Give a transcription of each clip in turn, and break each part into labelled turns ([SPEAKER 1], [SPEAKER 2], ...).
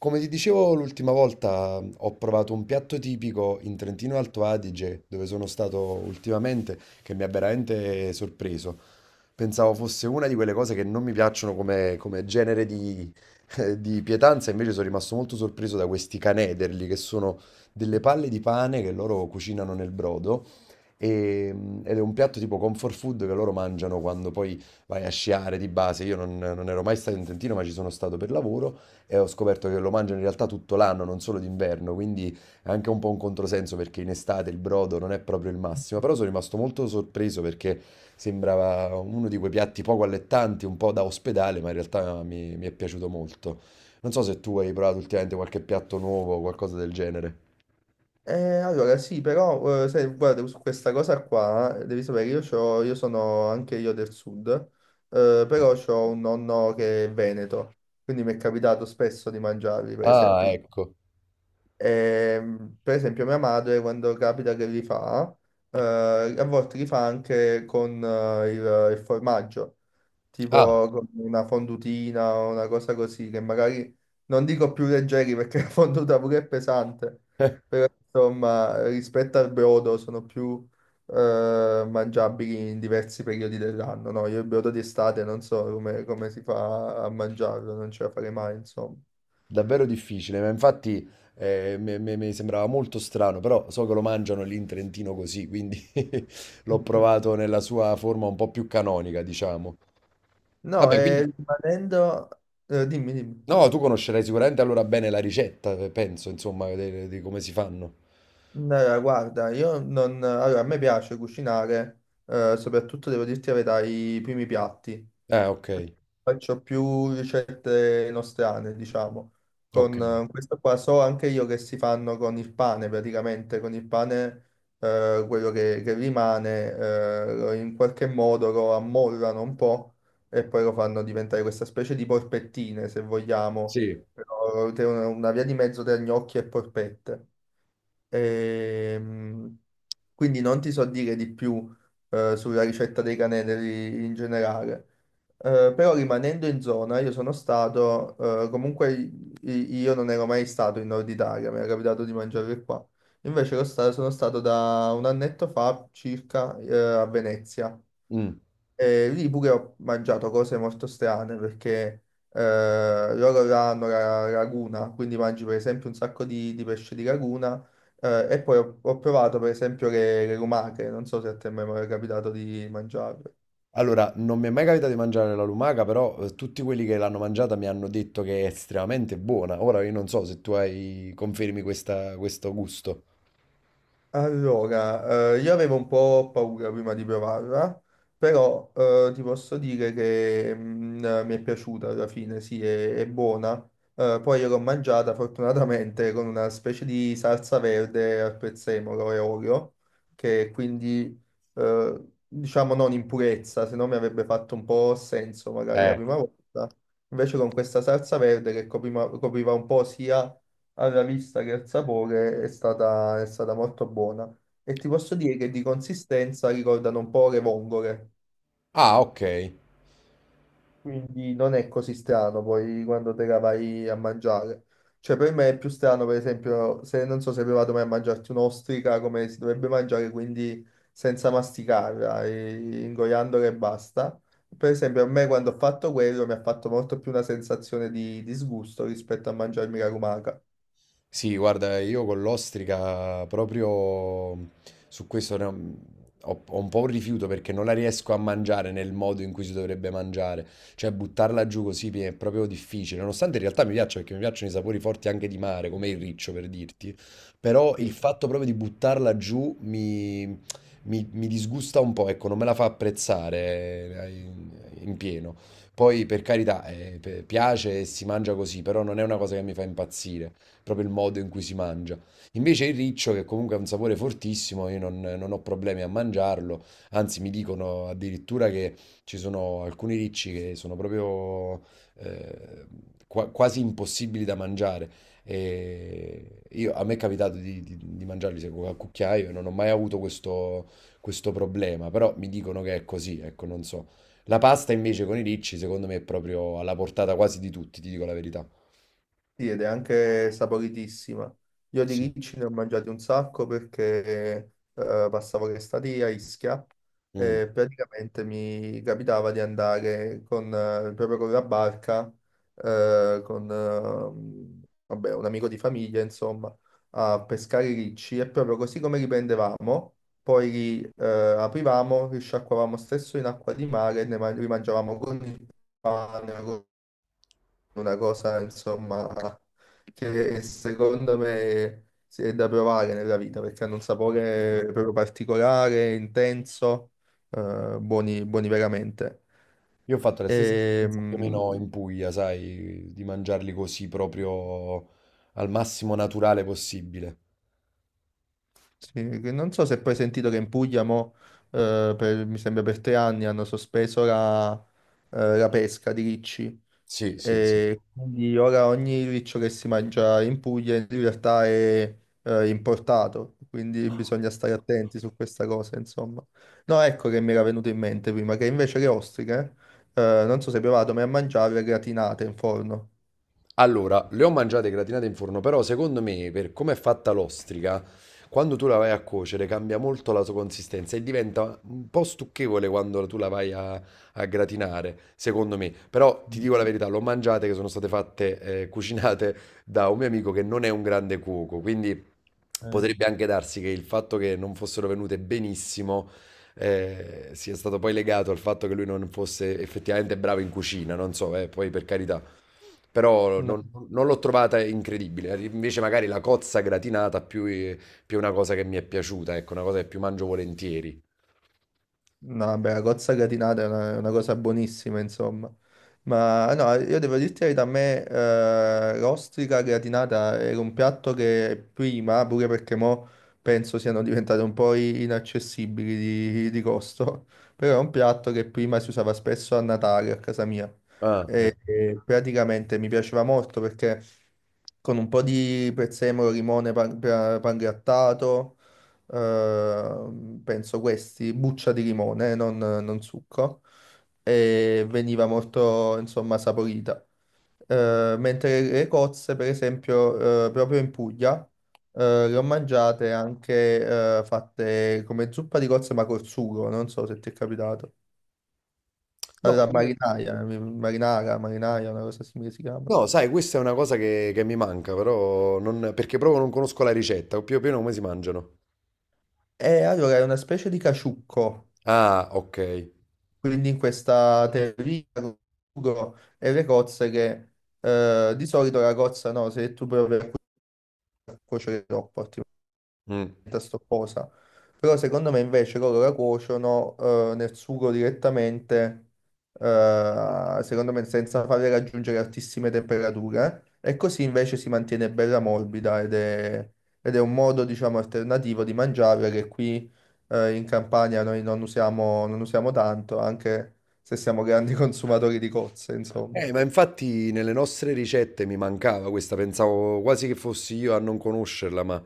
[SPEAKER 1] Come ti dicevo l'ultima volta, ho provato un piatto tipico in Trentino Alto Adige, dove sono stato ultimamente, che mi ha veramente sorpreso. Pensavo fosse una di quelle cose che non mi piacciono come genere di, di pietanza, invece sono rimasto molto sorpreso da questi canederli, che sono delle palle di pane che loro cucinano nel brodo. e- Ed è un piatto tipo comfort food che loro mangiano quando poi vai a sciare di base. Io non ero mai stato in Trentino, ma ci sono stato per lavoro e ho scoperto che lo mangiano in realtà tutto l'anno, non solo d'inverno, quindi è anche un po' un controsenso perché in estate il brodo non è proprio il massimo, però sono rimasto molto sorpreso perché sembrava uno di quei piatti poco allettanti, un po' da ospedale, ma in realtà mi è piaciuto molto. Non so se tu hai provato ultimamente qualche piatto nuovo o qualcosa del genere.
[SPEAKER 2] Eh, allora sì, però sai, guarda, su questa cosa qua devi sapere, io sono anche io del sud, però ho un nonno che è veneto, quindi mi è capitato spesso di mangiarli, per
[SPEAKER 1] Ah,
[SPEAKER 2] esempio.
[SPEAKER 1] ecco.
[SPEAKER 2] Per esempio mia madre quando capita che li fa, eh, a volte li fa anche con il formaggio,
[SPEAKER 1] Ah.
[SPEAKER 2] tipo con una fondutina o una cosa così, che magari non dico più leggeri perché la fonduta pure è pesante, però insomma rispetto al brodo sono più mangiabili in diversi periodi dell'anno, no? Io il brodo d'estate non so come si fa a mangiarlo, non ce la farei mai, insomma.
[SPEAKER 1] Davvero difficile, ma infatti mi sembrava molto strano, però so che lo mangiano lì in Trentino così, quindi l'ho provato nella sua forma un po' più canonica, diciamo.
[SPEAKER 2] No,
[SPEAKER 1] Vabbè,
[SPEAKER 2] e
[SPEAKER 1] quindi...
[SPEAKER 2] rimanendo... dimmi, dimmi.
[SPEAKER 1] No, tu conoscerai sicuramente allora bene la ricetta, penso, insomma, di come si fanno.
[SPEAKER 2] No, guarda, io non... Allora, a me piace cucinare, soprattutto devo dirti la verità, i primi piatti.
[SPEAKER 1] Ok,
[SPEAKER 2] Faccio più ricette nostrane, diciamo.
[SPEAKER 1] ok.
[SPEAKER 2] Con questo qua so anche io che si fanno con il pane, praticamente con il pane quello che rimane in qualche modo lo ammollano un po' e poi lo fanno diventare questa specie di porpettine, se vogliamo,
[SPEAKER 1] Sì.
[SPEAKER 2] però una via di mezzo tra gnocchi e porpette. Ehm, quindi non ti so dire di più sulla ricetta dei canestri in generale. Però rimanendo in zona, comunque io non ero mai stato in Nord Italia, mi era capitato di mangiare qua. Invece sono stato da un annetto fa circa a Venezia.
[SPEAKER 1] Mm.
[SPEAKER 2] E lì pure ho mangiato cose molto strane perché loro là hanno la laguna, quindi mangi per esempio un sacco di pesce di laguna e poi ho provato per esempio le lumache, non so se a te mai capitato di mangiare.
[SPEAKER 1] Allora, non mi è mai capitato di mangiare la lumaca, però tutti quelli che l'hanno mangiata mi hanno detto che è estremamente buona. Ora io non so se tu hai... confermi questo gusto.
[SPEAKER 2] Allora, io avevo un po' paura prima di provarla, però ti posso dire che mi è piaciuta alla fine, sì, è buona. Poi io l'ho mangiata fortunatamente con una specie di salsa verde al prezzemolo e olio, che quindi diciamo non in purezza, se no mi avrebbe fatto un po' senso magari la
[SPEAKER 1] Eh.
[SPEAKER 2] prima volta. Invece con questa salsa verde che copriva un po' sia alla vista che al sapore è stata molto buona. E ti posso dire che di consistenza ricordano un po' le vongole,
[SPEAKER 1] Ah, ok.
[SPEAKER 2] quindi non è così strano poi quando te la vai a mangiare. Cioè per me è più strano, per esempio, se non so se hai provato mai a mangiarti un'ostrica come si dovrebbe mangiare, quindi senza masticarla, e ingoiandola e basta. Per esempio, a me quando ho fatto quello mi ha fatto molto più una sensazione di disgusto rispetto a mangiarmi la lumaca.
[SPEAKER 1] Sì, guarda, io con l'ostrica proprio su questo ho un po' un rifiuto perché non la riesco a mangiare nel modo in cui si dovrebbe mangiare. Cioè, buttarla giù così mi è proprio difficile. Nonostante in realtà mi piaccia perché mi piacciono i sapori forti anche di mare, come il riccio per dirti. Però il
[SPEAKER 2] Sì.
[SPEAKER 1] fatto proprio di buttarla giù mi disgusta un po', ecco, non me la fa apprezzare in pieno. Poi, per carità, piace e si mangia così, però non è una cosa che mi fa impazzire proprio il modo in cui si mangia. Invece il riccio, che comunque ha un sapore fortissimo, io non ho problemi a mangiarlo, anzi mi dicono addirittura che ci sono alcuni ricci che sono proprio eh, quasi impossibili da mangiare. A me è capitato di mangiarli secco a cucchiaio e non ho mai avuto questo problema, però mi dicono che è così, ecco, non so. La pasta invece con i ricci, secondo me, è proprio alla portata quasi di tutti, ti dico la verità.
[SPEAKER 2] Sì, ed è anche saporitissima. Io di
[SPEAKER 1] Sì.
[SPEAKER 2] ricci ne ho mangiati un sacco perché passavo l'estate a Ischia
[SPEAKER 1] Mm.
[SPEAKER 2] e praticamente mi capitava di andare con, proprio con la barca, con vabbè, un amico di famiglia, insomma, a pescare i ricci e proprio così come li prendevamo, poi li aprivamo, li sciacquavamo stesso in acqua di mare e li mangiavamo con il pane, una cosa, insomma, che secondo me si è da provare nella vita perché hanno un sapore proprio particolare, intenso, buoni, buoni veramente.
[SPEAKER 1] Io ho fatto la stessa
[SPEAKER 2] E,
[SPEAKER 1] esperienza più o
[SPEAKER 2] mh,
[SPEAKER 1] meno in Puglia, sai, di mangiarli così proprio al massimo naturale possibile.
[SPEAKER 2] sì, che non so se poi hai sentito che in Puglia mo, mi sembra per 3 anni hanno sospeso la, la pesca di ricci.
[SPEAKER 1] Sì, sì, sì.
[SPEAKER 2] E quindi ora ogni riccio che si mangia in Puglia in realtà è importato, quindi bisogna stare attenti su questa cosa, insomma. No, ecco che mi era venuto in mente prima, che invece le ostriche, non so se hai provato, ma a mangiarle gratinate in forno.
[SPEAKER 1] Allora, le ho mangiate gratinate in forno, però secondo me, per come è fatta l'ostrica, quando tu la vai a cuocere cambia molto la sua consistenza e diventa un po' stucchevole quando tu a gratinare, secondo me. Però ti
[SPEAKER 2] Mm.
[SPEAKER 1] dico la verità, l'ho mangiate che sono state fatte, cucinate da un mio amico che non è un grande cuoco, quindi
[SPEAKER 2] Ok.
[SPEAKER 1] potrebbe anche darsi che il fatto che non fossero venute benissimo, sia stato poi legato al fatto che lui non fosse effettivamente bravo in cucina, non so, poi per carità. Però non l'ho trovata incredibile. Invece magari la cozza gratinata più è una cosa che mi è piaciuta, ecco, una cosa che più mangio volentieri.
[SPEAKER 2] No, beh, la cozza gratinata è una cosa buonissima, insomma. Ma no, io devo dirti la verità, a me l'ostrica gratinata era un piatto che prima, pure perché mo penso siano diventate un po' inaccessibili di costo, però è un piatto che prima si usava spesso a Natale a casa mia
[SPEAKER 1] Ah, ecco.
[SPEAKER 2] e praticamente mi piaceva molto perché con un po' di prezzemolo, limone, pan grattato penso questi, buccia di limone, non succo, e veniva molto, insomma, saporita. Mentre le cozze, per esempio, proprio in Puglia, le ho mangiate anche fatte come zuppa di cozze, ma col sugo, non so se ti è capitato.
[SPEAKER 1] No,
[SPEAKER 2] Allora,
[SPEAKER 1] io-
[SPEAKER 2] marinaia, una cosa simile si chiama.
[SPEAKER 1] no, sai, questa è una cosa che mi manca, però non- perché proprio non conosco la ricetta, o più o meno come si mangiano.
[SPEAKER 2] E allora è una specie di caciucco.
[SPEAKER 1] Ah, ok.
[SPEAKER 2] Quindi in questa teoria con Ugo e le cozze che di solito la cozza no, se tu provi a cuocere troppo, ti
[SPEAKER 1] Mm.
[SPEAKER 2] sto cosa. Però secondo me invece loro la cuociono nel sugo direttamente, secondo me senza farle raggiungere altissime temperature. E così invece si mantiene bella morbida ed ed è un modo, diciamo, alternativo di mangiarla che qui in Campania noi non usiamo, non usiamo tanto, anche se siamo grandi consumatori di cozze, insomma.
[SPEAKER 1] Ma infatti nelle nostre ricette mi mancava questa, pensavo quasi che fossi io a non conoscerla, ma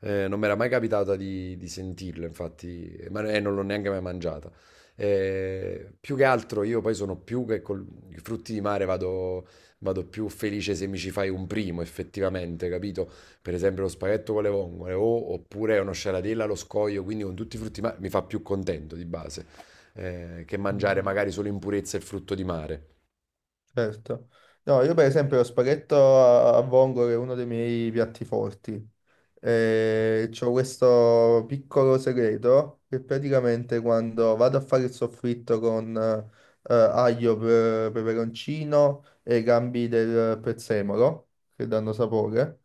[SPEAKER 1] non mi era mai capitata di sentirla, infatti, ma non l'ho neanche mai mangiata. Più che altro io poi sono più che con i frutti di mare vado più felice se mi ci fai un primo, effettivamente, capito? Per esempio lo spaghetto con le vongole oppure uno sciaratella allo scoglio, quindi con tutti i frutti di mare mi fa più contento di base, che
[SPEAKER 2] Mm.
[SPEAKER 1] mangiare magari solo in purezza il frutto di mare.
[SPEAKER 2] Certo. No, io per esempio lo spaghetto a vongole è uno dei miei piatti forti. E c'ho questo piccolo segreto che praticamente quando vado a fare il soffritto con peperoncino e gambi del prezzemolo, che danno sapore,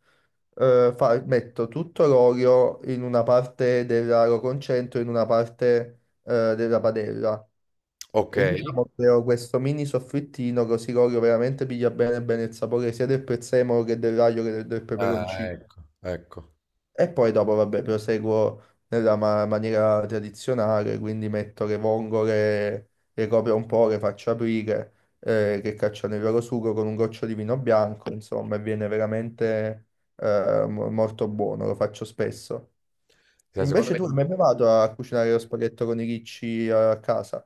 [SPEAKER 2] metto tutto l'olio in una parte della, lo concentro in una parte della padella
[SPEAKER 1] Ok,
[SPEAKER 2] e diciamo creo questo mini soffrittino così Corio veramente piglia bene bene il sapore sia del prezzemolo che del raglio che del
[SPEAKER 1] ah,
[SPEAKER 2] peperoncino.
[SPEAKER 1] ecco, ecco.
[SPEAKER 2] E poi dopo, vabbè, proseguo nella maniera tradizionale, quindi metto le vongole, le copro un po', le faccio aprire, che cacciano il loro sugo con un goccio di vino bianco, insomma, e viene veramente molto buono, lo faccio spesso.
[SPEAKER 1] Cioè, secondo
[SPEAKER 2] Invece
[SPEAKER 1] me
[SPEAKER 2] tu hai mai provato a cucinare lo spaghetto con i ricci a casa?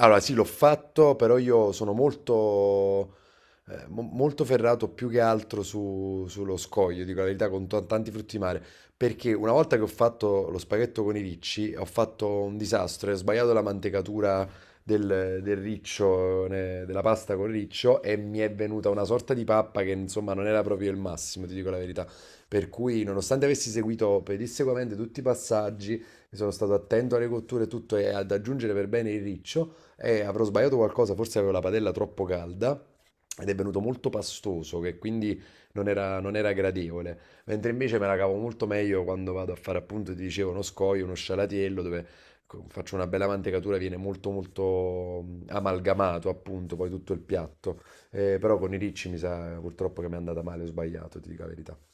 [SPEAKER 1] allora sì, l'ho fatto, però io sono molto ferrato più che altro sullo scoglio, dico la verità, con tanti frutti di mare, perché una volta che ho fatto lo spaghetto con i ricci, ho fatto un disastro, e ho sbagliato la mantecatura del riccio, della pasta con riccio, e mi è venuta una sorta di pappa che insomma non era proprio il massimo, ti dico la verità. Per cui, nonostante avessi seguito pedissequamente tutti i passaggi, mi sono stato attento alle cotture e tutto, e ad aggiungere per bene il riccio, e avrò sbagliato qualcosa, forse avevo la padella troppo calda ed è venuto molto pastoso, che quindi non era gradevole. Mentre invece me la cavo molto meglio quando vado a fare appunto, ti dicevo, uno scoglio, uno scialatiello, dove faccio una bella mantecatura, viene molto molto mm, amalgamato appunto, poi tutto il piatto. Però con i ricci mi sa purtroppo che mi è andata male, ho sbagliato, ti dico la verità.